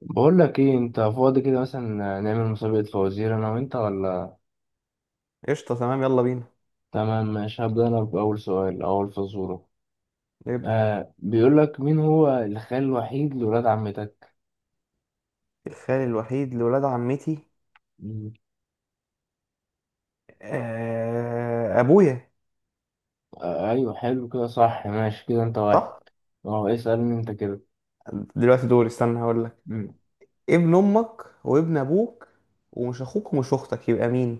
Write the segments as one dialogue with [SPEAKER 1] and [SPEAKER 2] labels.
[SPEAKER 1] بقول لك ايه؟ انت فاضي كده مثلا؟ نعمل مسابقة فوازير انا وانت؟ ولا
[SPEAKER 2] قشطة تمام يلا بينا
[SPEAKER 1] تمام؟ ماشي، هبدأ انا بأول سؤال، اول فزورة.
[SPEAKER 2] نبدأ.
[SPEAKER 1] آه، بيقول لك مين هو الخال الوحيد لولاد عمتك؟
[SPEAKER 2] الخال الوحيد لولاد عمتي
[SPEAKER 1] مم.
[SPEAKER 2] أبويا.
[SPEAKER 1] آه ايوه، حلو كده، صح، ماشي كده، انت واحد.
[SPEAKER 2] صح؟
[SPEAKER 1] اه، اسألني انت كده.
[SPEAKER 2] دلوقتي دوري استنى هقول لك.
[SPEAKER 1] مم.
[SPEAKER 2] ابن أمك وابن أبوك ومش أخوك ومش أختك يبقى مين؟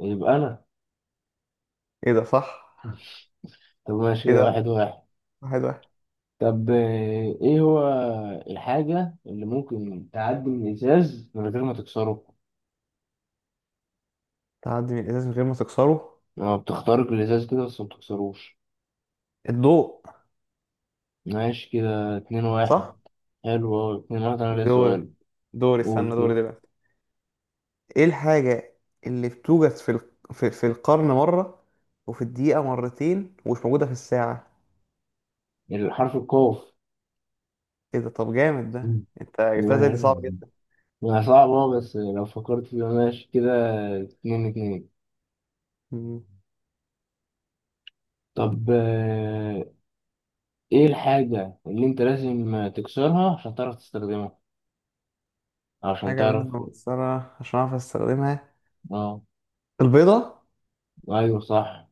[SPEAKER 1] يبقى انا.
[SPEAKER 2] إيه ده، صح؟
[SPEAKER 1] طب ماشي كده،
[SPEAKER 2] كده
[SPEAKER 1] واحد واحد.
[SPEAKER 2] واحد واحد.
[SPEAKER 1] طب ايه هو الحاجة اللي ممكن تعدي من الازاز من غير ما تكسره؟
[SPEAKER 2] تعدي من الإزاز من غير ما تكسره،
[SPEAKER 1] اه، بتخترق الازاز كده بس ما بتكسروش.
[SPEAKER 2] الضوء.
[SPEAKER 1] ماشي كده اتنين واحد.
[SPEAKER 2] صح؟
[SPEAKER 1] حلو أوي، اتنين واحد، أنا ليا
[SPEAKER 2] دوري
[SPEAKER 1] سؤال.
[SPEAKER 2] دوري
[SPEAKER 1] قول
[SPEAKER 2] استنى،
[SPEAKER 1] كده.
[SPEAKER 2] دوري دلوقتي. إيه الحاجة اللي بتوجد في القرن مرة وفي الدقيقة مرتين ومش موجودة في الساعة؟
[SPEAKER 1] الحرف القاف.
[SPEAKER 2] إيه ده، طب جامد ده،
[SPEAKER 1] مم.
[SPEAKER 2] أنت جبتها زي دي
[SPEAKER 1] ماشي،
[SPEAKER 2] صعب جدا.
[SPEAKER 1] ما صعب بس لو فكرت فيها، ماشي كده اتنين اتنين.
[SPEAKER 2] مم.
[SPEAKER 1] طب إيه الحاجة اللي أنت لازم تكسرها عشان تعرف تستخدمها عشان
[SPEAKER 2] حاجة لازم
[SPEAKER 1] تعرف؟
[SPEAKER 2] أكسرها عشان أعرف أستخدمها،
[SPEAKER 1] أه.
[SPEAKER 2] البيضة.
[SPEAKER 1] أيوه صح.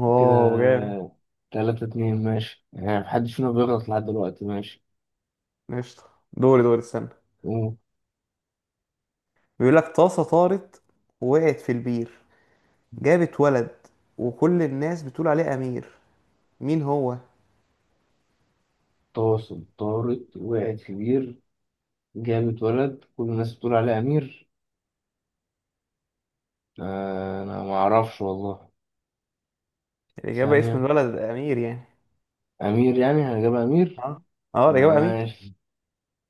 [SPEAKER 2] واو جامد.
[SPEAKER 1] كده تلاتة اتنين، ماشي، يعني محدش فينا بيغلط لحد دلوقتي، ماشي.
[SPEAKER 2] قشطة، دوري استنى.
[SPEAKER 1] قول.
[SPEAKER 2] بيقول لك طاسة طارت ووقعت في البير، جابت ولد وكل الناس بتقول عليه أمير، مين هو؟
[SPEAKER 1] تواصل طارت وقعت في بير، جابت ولد، كل الناس بتقول عليه أمير. انا ما اعرفش والله.
[SPEAKER 2] الإجابة اسم
[SPEAKER 1] ثانية.
[SPEAKER 2] الولد أمير يعني.
[SPEAKER 1] امير، يعني هنجيب امير.
[SPEAKER 2] اه اه
[SPEAKER 1] ما
[SPEAKER 2] الإجابة أمير.
[SPEAKER 1] ماشي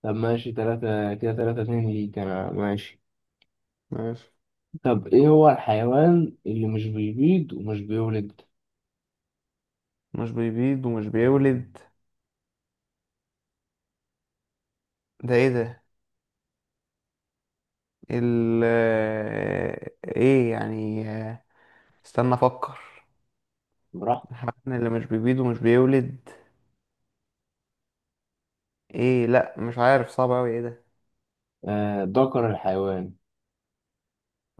[SPEAKER 1] طب ماشي تلاتة كده، تلاتة اتنين ليك انا، ماشي.
[SPEAKER 2] ماشي،
[SPEAKER 1] طب ايه هو الحيوان اللي مش بيبيض ومش بيولد؟
[SPEAKER 2] مش بيبيض ومش بيولد، ده ايه ده؟ ال آه، ايه يعني آه، استنى افكر.
[SPEAKER 1] براحته.
[SPEAKER 2] الحيوان اللي مش بيبيض ومش بيولد، ايه، لا مش عارف، صعب اوي ايه ده.
[SPEAKER 1] آه، ذكر الحيوان.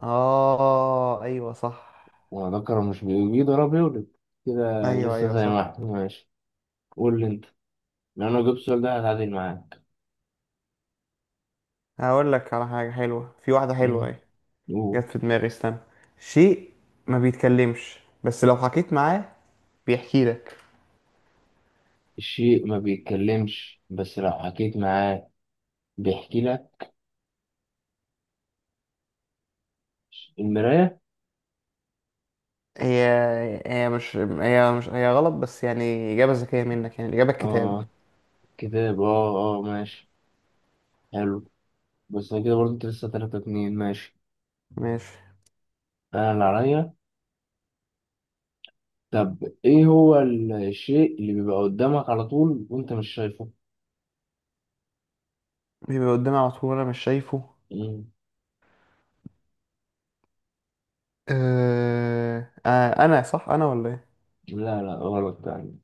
[SPEAKER 2] اه ايوه صح.
[SPEAKER 1] هو ذكر، مش بيبيض ولا بيولد. كده
[SPEAKER 2] ايوه
[SPEAKER 1] لسه
[SPEAKER 2] ايوه
[SPEAKER 1] زي ما
[SPEAKER 2] صح.
[SPEAKER 1] احنا، ماشي. قول لي انت. لو انا جبت السؤال ده هتعادل معاك.
[SPEAKER 2] هقول لك على حاجه حلوه، في واحده حلوه
[SPEAKER 1] مم.
[SPEAKER 2] اهي،
[SPEAKER 1] قول.
[SPEAKER 2] جت في دماغي استنى. شيء ما بيتكلمش بس لو حكيت معاه بيحكي لك.
[SPEAKER 1] الشيء ما بيتكلمش بس لو حكيت معاه بيحكي لك. المراية.
[SPEAKER 2] هي هي مش هي مش هي غلط بس يعني اجابه ذكيه منك، يعني الاجابه الكتاب.
[SPEAKER 1] اه، كتاب، اه اه، ماشي، حلو. بس انا كده برضه، انت لسه تلاتة اتنين، ماشي.
[SPEAKER 2] ماشي،
[SPEAKER 1] انا اللي عليا. طب ايه هو الشيء اللي بيبقى قدامك على طول وانت مش شايفه؟
[SPEAKER 2] بيبقى قدامي على طول انا مش شايفه.
[SPEAKER 1] مم.
[SPEAKER 2] آه انا صح انا ولا ايه؟
[SPEAKER 1] لا لا، غلط يعني.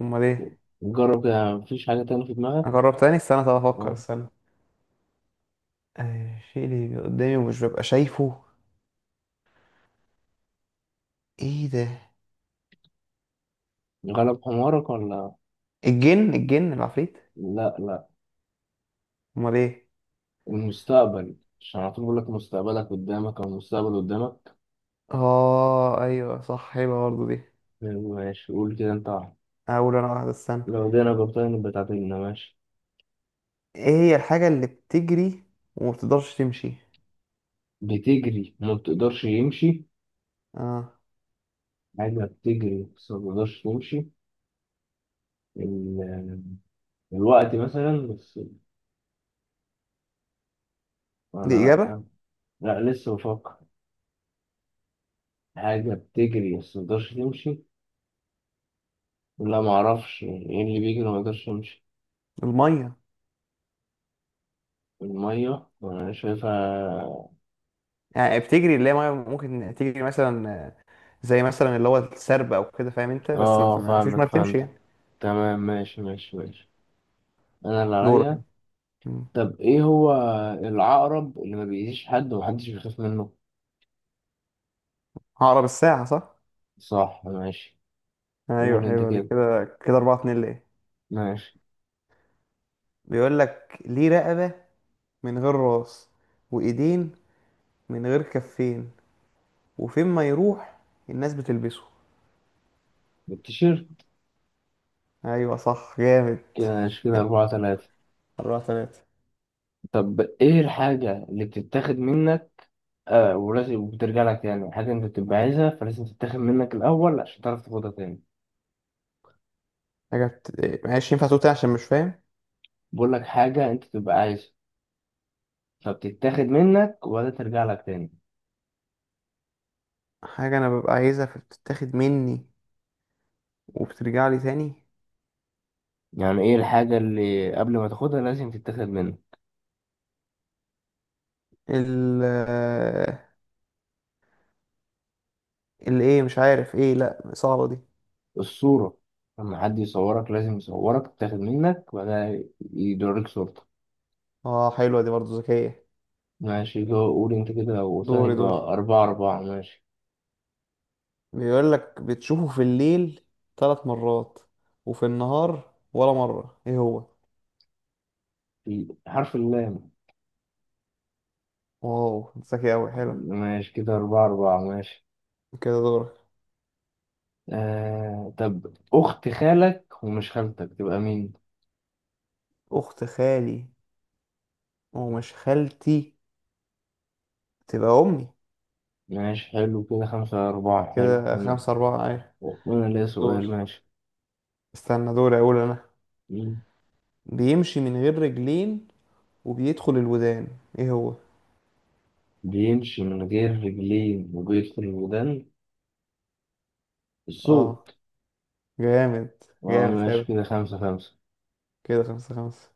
[SPEAKER 2] امال ايه؟
[SPEAKER 1] جرب كده، مفيش حاجة تانية في دماغك؟
[SPEAKER 2] اجرب تاني، استنى، طب افكر،
[SPEAKER 1] آه.
[SPEAKER 2] استنى. الشيء اللي بيبقى قدامي ومش ببقى شايفه، ايه ده؟
[SPEAKER 1] غلب حمارك؟ ولا.
[SPEAKER 2] الجن، الجن، العفريت.
[SPEAKER 1] لا لا،
[SPEAKER 2] امال ايه؟
[SPEAKER 1] المستقبل. عشان على طول بقول لك مستقبلك قدامك، او المستقبل قدامك.
[SPEAKER 2] اه ايوه صح، حلوه برضه دي.
[SPEAKER 1] ماشي، قول كده، انت واحد.
[SPEAKER 2] اقول انا واحده، استنى.
[SPEAKER 1] لو دينا جبتها نبقى تعادلنا، ماشي.
[SPEAKER 2] ايه هي الحاجه اللي بتجري وما بتقدرش تمشي؟
[SPEAKER 1] بتجري وما بتقدرش يمشي.
[SPEAKER 2] اه
[SPEAKER 1] حاجة بتجري بس ما بقدرش تمشي. ال- الوقت مثلا، بس، ولا؟
[SPEAKER 2] دي اجابه.
[SPEAKER 1] لأ. لأ لسه بفكر. حاجة بتجري بس ما بقدرش تمشي. لا معرفش ايه اللي بيجري ما بقدرش يمشي.
[SPEAKER 2] الميه،
[SPEAKER 1] المية؟ أنا شايفها.
[SPEAKER 2] يعني بتجري اللي هي ميه، ممكن تجري مثلا، زي مثلا اللي هو السرب او كده، فاهم انت، بس ما
[SPEAKER 1] اه
[SPEAKER 2] ما فيش ميه
[SPEAKER 1] فاهمك،
[SPEAKER 2] بتمشي
[SPEAKER 1] فهمت.
[SPEAKER 2] يعني.
[SPEAKER 1] تمام، ماشي ماشي ماشي. أنا اللي
[SPEAKER 2] دورك.
[SPEAKER 1] عليا.
[SPEAKER 2] مم.
[SPEAKER 1] طب ايه هو العقرب اللي ما بيأذيش حد ومحدش بيخاف منه؟
[SPEAKER 2] هقرب الساعه، صح؟
[SPEAKER 1] صح، ماشي.
[SPEAKER 2] ايوه
[SPEAKER 1] قول انت
[SPEAKER 2] حلوه دي،
[SPEAKER 1] كده،
[SPEAKER 2] كده كده 4 2 ليه.
[SPEAKER 1] ماشي.
[SPEAKER 2] بيقول لك ليه رقبه من غير راس وايدين من غير كفين، وفين ما يروح الناس بتلبسه.
[SPEAKER 1] بتشير.
[SPEAKER 2] ايوه صح جامد.
[SPEAKER 1] كده، ماشي كده أربعة تلاتة.
[SPEAKER 2] أربعة تلاتة.
[SPEAKER 1] طب ايه الحاجة اللي بتتاخد منك ولازم وبترجع لك تاني، حاجة انت بتبقى عايزها فلازم تتاخد منك الأول عشان تعرف تاخدها تاني.
[SPEAKER 2] حاجة بت... معلش ينفع تقول تاني عشان مش فاهم.
[SPEAKER 1] بقول لك حاجة انت تبقى عايزها فبتتاخد منك ولا ترجع لك تاني.
[SPEAKER 2] حاجة أنا ببقى عايزها فبتتاخد مني وبترجع لي تاني.
[SPEAKER 1] يعني ايه الحاجة اللي قبل ما تاخدها لازم تتاخد منك؟
[SPEAKER 2] ال اللي مش عارف إيه، لأ صعبة دي.
[SPEAKER 1] الصورة. لما حد يصورك لازم يصورك، تتاخد منك وبعدها يدوريك صورتك.
[SPEAKER 2] آه حلوة دي برضه، ذكية.
[SPEAKER 1] ماشي، قول انت كده وثاني،
[SPEAKER 2] دوري
[SPEAKER 1] يبقى
[SPEAKER 2] دوري
[SPEAKER 1] أربعة أربعة، ماشي.
[SPEAKER 2] بيقول لك بتشوفه في الليل ثلاث مرات وفي النهار ولا مرة، إيه هو؟
[SPEAKER 1] حرف اللام.
[SPEAKER 2] واو ذكي أوي، حلو
[SPEAKER 1] ماشي كده أربعة أربعة، ماشي.
[SPEAKER 2] كده. دورك.
[SPEAKER 1] آه، طب أخت خالك ومش خالتك تبقى مين؟
[SPEAKER 2] أخت خالي ومش خالتي تبقى أمي.
[SPEAKER 1] ماشي، حلو كده، خمسة على أربعة، حلو،
[SPEAKER 2] كده
[SPEAKER 1] وأنا
[SPEAKER 2] خمسة أربعة، أيوة.
[SPEAKER 1] وأنا ليا سؤال،
[SPEAKER 2] دوري
[SPEAKER 1] ماشي.
[SPEAKER 2] دوري أقول أنا.
[SPEAKER 1] مين
[SPEAKER 2] بيمشي من غير رجلين وبيدخل الودان، إيه هو؟
[SPEAKER 1] بيمشي من غير رجلين وبيدخل الودان؟
[SPEAKER 2] آه
[SPEAKER 1] الصوت.
[SPEAKER 2] جامد،
[SPEAKER 1] اه،
[SPEAKER 2] جامد
[SPEAKER 1] ماشي
[SPEAKER 2] أوي.
[SPEAKER 1] كده خمسة خمسة.
[SPEAKER 2] كده خمسة خمسة.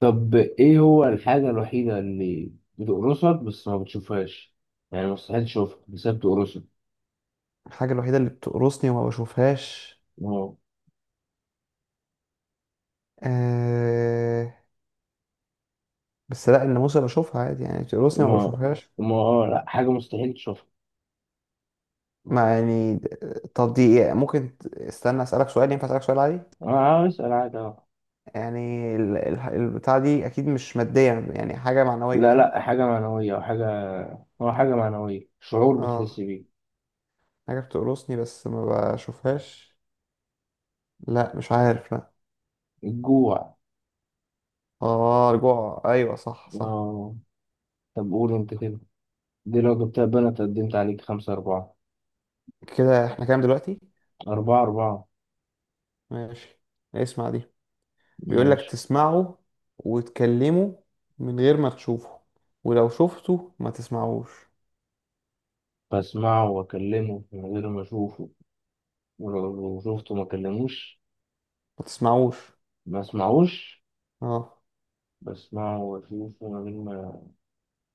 [SPEAKER 1] طب إيه هو الحاجة الوحيدة اللي بتقرصك بس ما بتشوفهاش؟ يعني مستحيل تشوفها بس هي بتقرصك.
[SPEAKER 2] الحاجة الوحيدة اللي بتقرصني وما بشوفهاش،
[SPEAKER 1] ما
[SPEAKER 2] آه... بس لا الناموسة بشوفها عادي، يعني بتقرصني وما
[SPEAKER 1] ما
[SPEAKER 2] بشوفهاش.
[SPEAKER 1] ما آه، لا، حاجة مستحيل تشوفها.
[SPEAKER 2] ما يعني، طب دي إيه؟ ممكن استنى أسألك سؤال، ينفع أسألك سؤال عادي؟
[SPEAKER 1] أه آه، اسأل عادي، أه.
[SPEAKER 2] يعني البتاع دي أكيد مش مادية، يعني حاجة معنوية،
[SPEAKER 1] لا
[SPEAKER 2] صح؟
[SPEAKER 1] لا، حاجة معنوية أو حاجة، هو حاجة معنوية، شعور بتحس
[SPEAKER 2] آه،
[SPEAKER 1] بيه.
[SPEAKER 2] حاجة بتقرصني بس ما بشوفهاش، لا مش عارف، لا.
[SPEAKER 1] الجوع.
[SPEAKER 2] اه رجوع، ايوه صح صح.
[SPEAKER 1] اه. طب قول انت كده، دي لو جبتها بنت قدمت عليك، خمسة أربعة.
[SPEAKER 2] كده احنا كام دلوقتي؟
[SPEAKER 1] أربعة أربعة،
[SPEAKER 2] ماشي، اسمع دي. بيقول لك
[SPEAKER 1] ماشي.
[SPEAKER 2] تسمعوا وتكلموا من غير ما تشوفه، ولو شفته ما تسمعوش.
[SPEAKER 1] بسمعه وأكلمه من غير ما أشوفه، ولو شفته ما أكلموش.
[SPEAKER 2] ما تسمعوش،
[SPEAKER 1] ما أسمعوش.
[SPEAKER 2] اه.
[SPEAKER 1] بسمعه وأشوفه من غير ما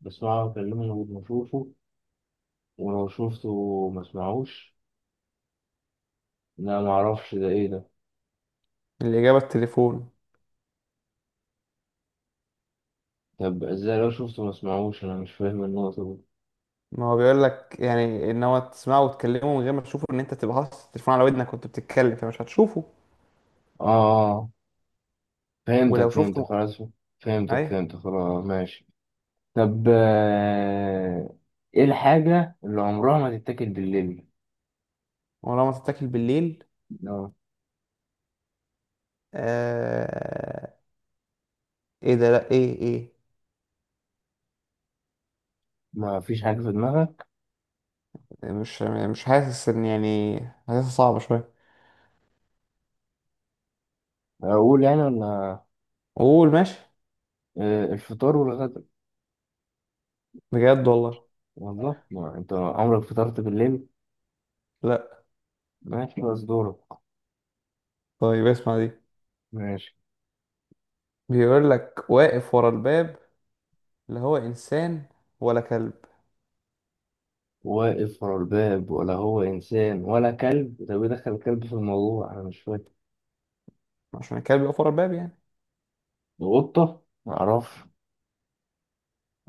[SPEAKER 1] بسمعه وأكلمه من غير ما أشوفه، ولو شفته ما أسمعوش. لا معرفش ده، إيه ده؟
[SPEAKER 2] الإجابة التليفون.
[SPEAKER 1] طب إزاي لو شفته ما أسمعوش؟ أنا مش فاهم النقطة دي.
[SPEAKER 2] ما هو بيقول لك يعني ان هو تسمعه وتكلمه من غير ما تشوفه، ان انت تبقى حاطط التليفون على ودنك وانت بتتكلم فمش هتشوفه
[SPEAKER 1] آه آه. فهمتك
[SPEAKER 2] ولو
[SPEAKER 1] فهمتك
[SPEAKER 2] شفته.
[SPEAKER 1] خلاص. فهمتك
[SPEAKER 2] ايوه.
[SPEAKER 1] فهمتك خلاص، ماشي. طب ايه الحاجة اللي عمرها ما تتاكل بالليل؟
[SPEAKER 2] ولو ما تتاكل بالليل،
[SPEAKER 1] لو
[SPEAKER 2] آه... ايه ده، لا ايه.
[SPEAKER 1] ما فيش حاجة في دماغك
[SPEAKER 2] يعني مش حاسس ان يعني حاسسها صعبة شوية.
[SPEAKER 1] اقول، يعني، ولا؟
[SPEAKER 2] قول ماشي.
[SPEAKER 1] الفطار والغدا.
[SPEAKER 2] بجد والله؟
[SPEAKER 1] والله ما انت عمرك فطرت بالليل.
[SPEAKER 2] لا.
[SPEAKER 1] ماشي خلاص، دورك.
[SPEAKER 2] طيب اسمع دي.
[SPEAKER 1] ماشي.
[SPEAKER 2] بيقول لك واقف ورا الباب، لا هو انسان ولا كلب.
[SPEAKER 1] واقف ورا الباب، ولا هو انسان ولا كلب؟ طب ايه دخل الكلب في الموضوع؟ انا مش فاكر.
[SPEAKER 2] عشان الكلب يقف ورا الباب يعني.
[SPEAKER 1] قطة؟ معرفش.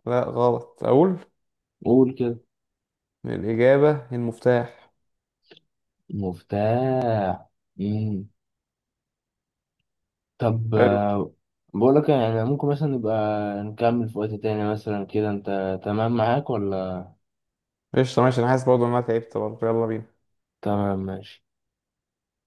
[SPEAKER 2] لا غلط، اقول.
[SPEAKER 1] قول كده.
[SPEAKER 2] الاجابة المفتاح.
[SPEAKER 1] مفتاح. مم. طب
[SPEAKER 2] حلو.
[SPEAKER 1] بقول لك، يعني ممكن مثلا نبقى نكمل في وقت تاني مثلا، كده انت تمام معاك ولا؟
[SPEAKER 2] قشطة ماشي، انا حاسس برضه ان انا تعبت برضه، يلا بينا.
[SPEAKER 1] تمام، ماشي.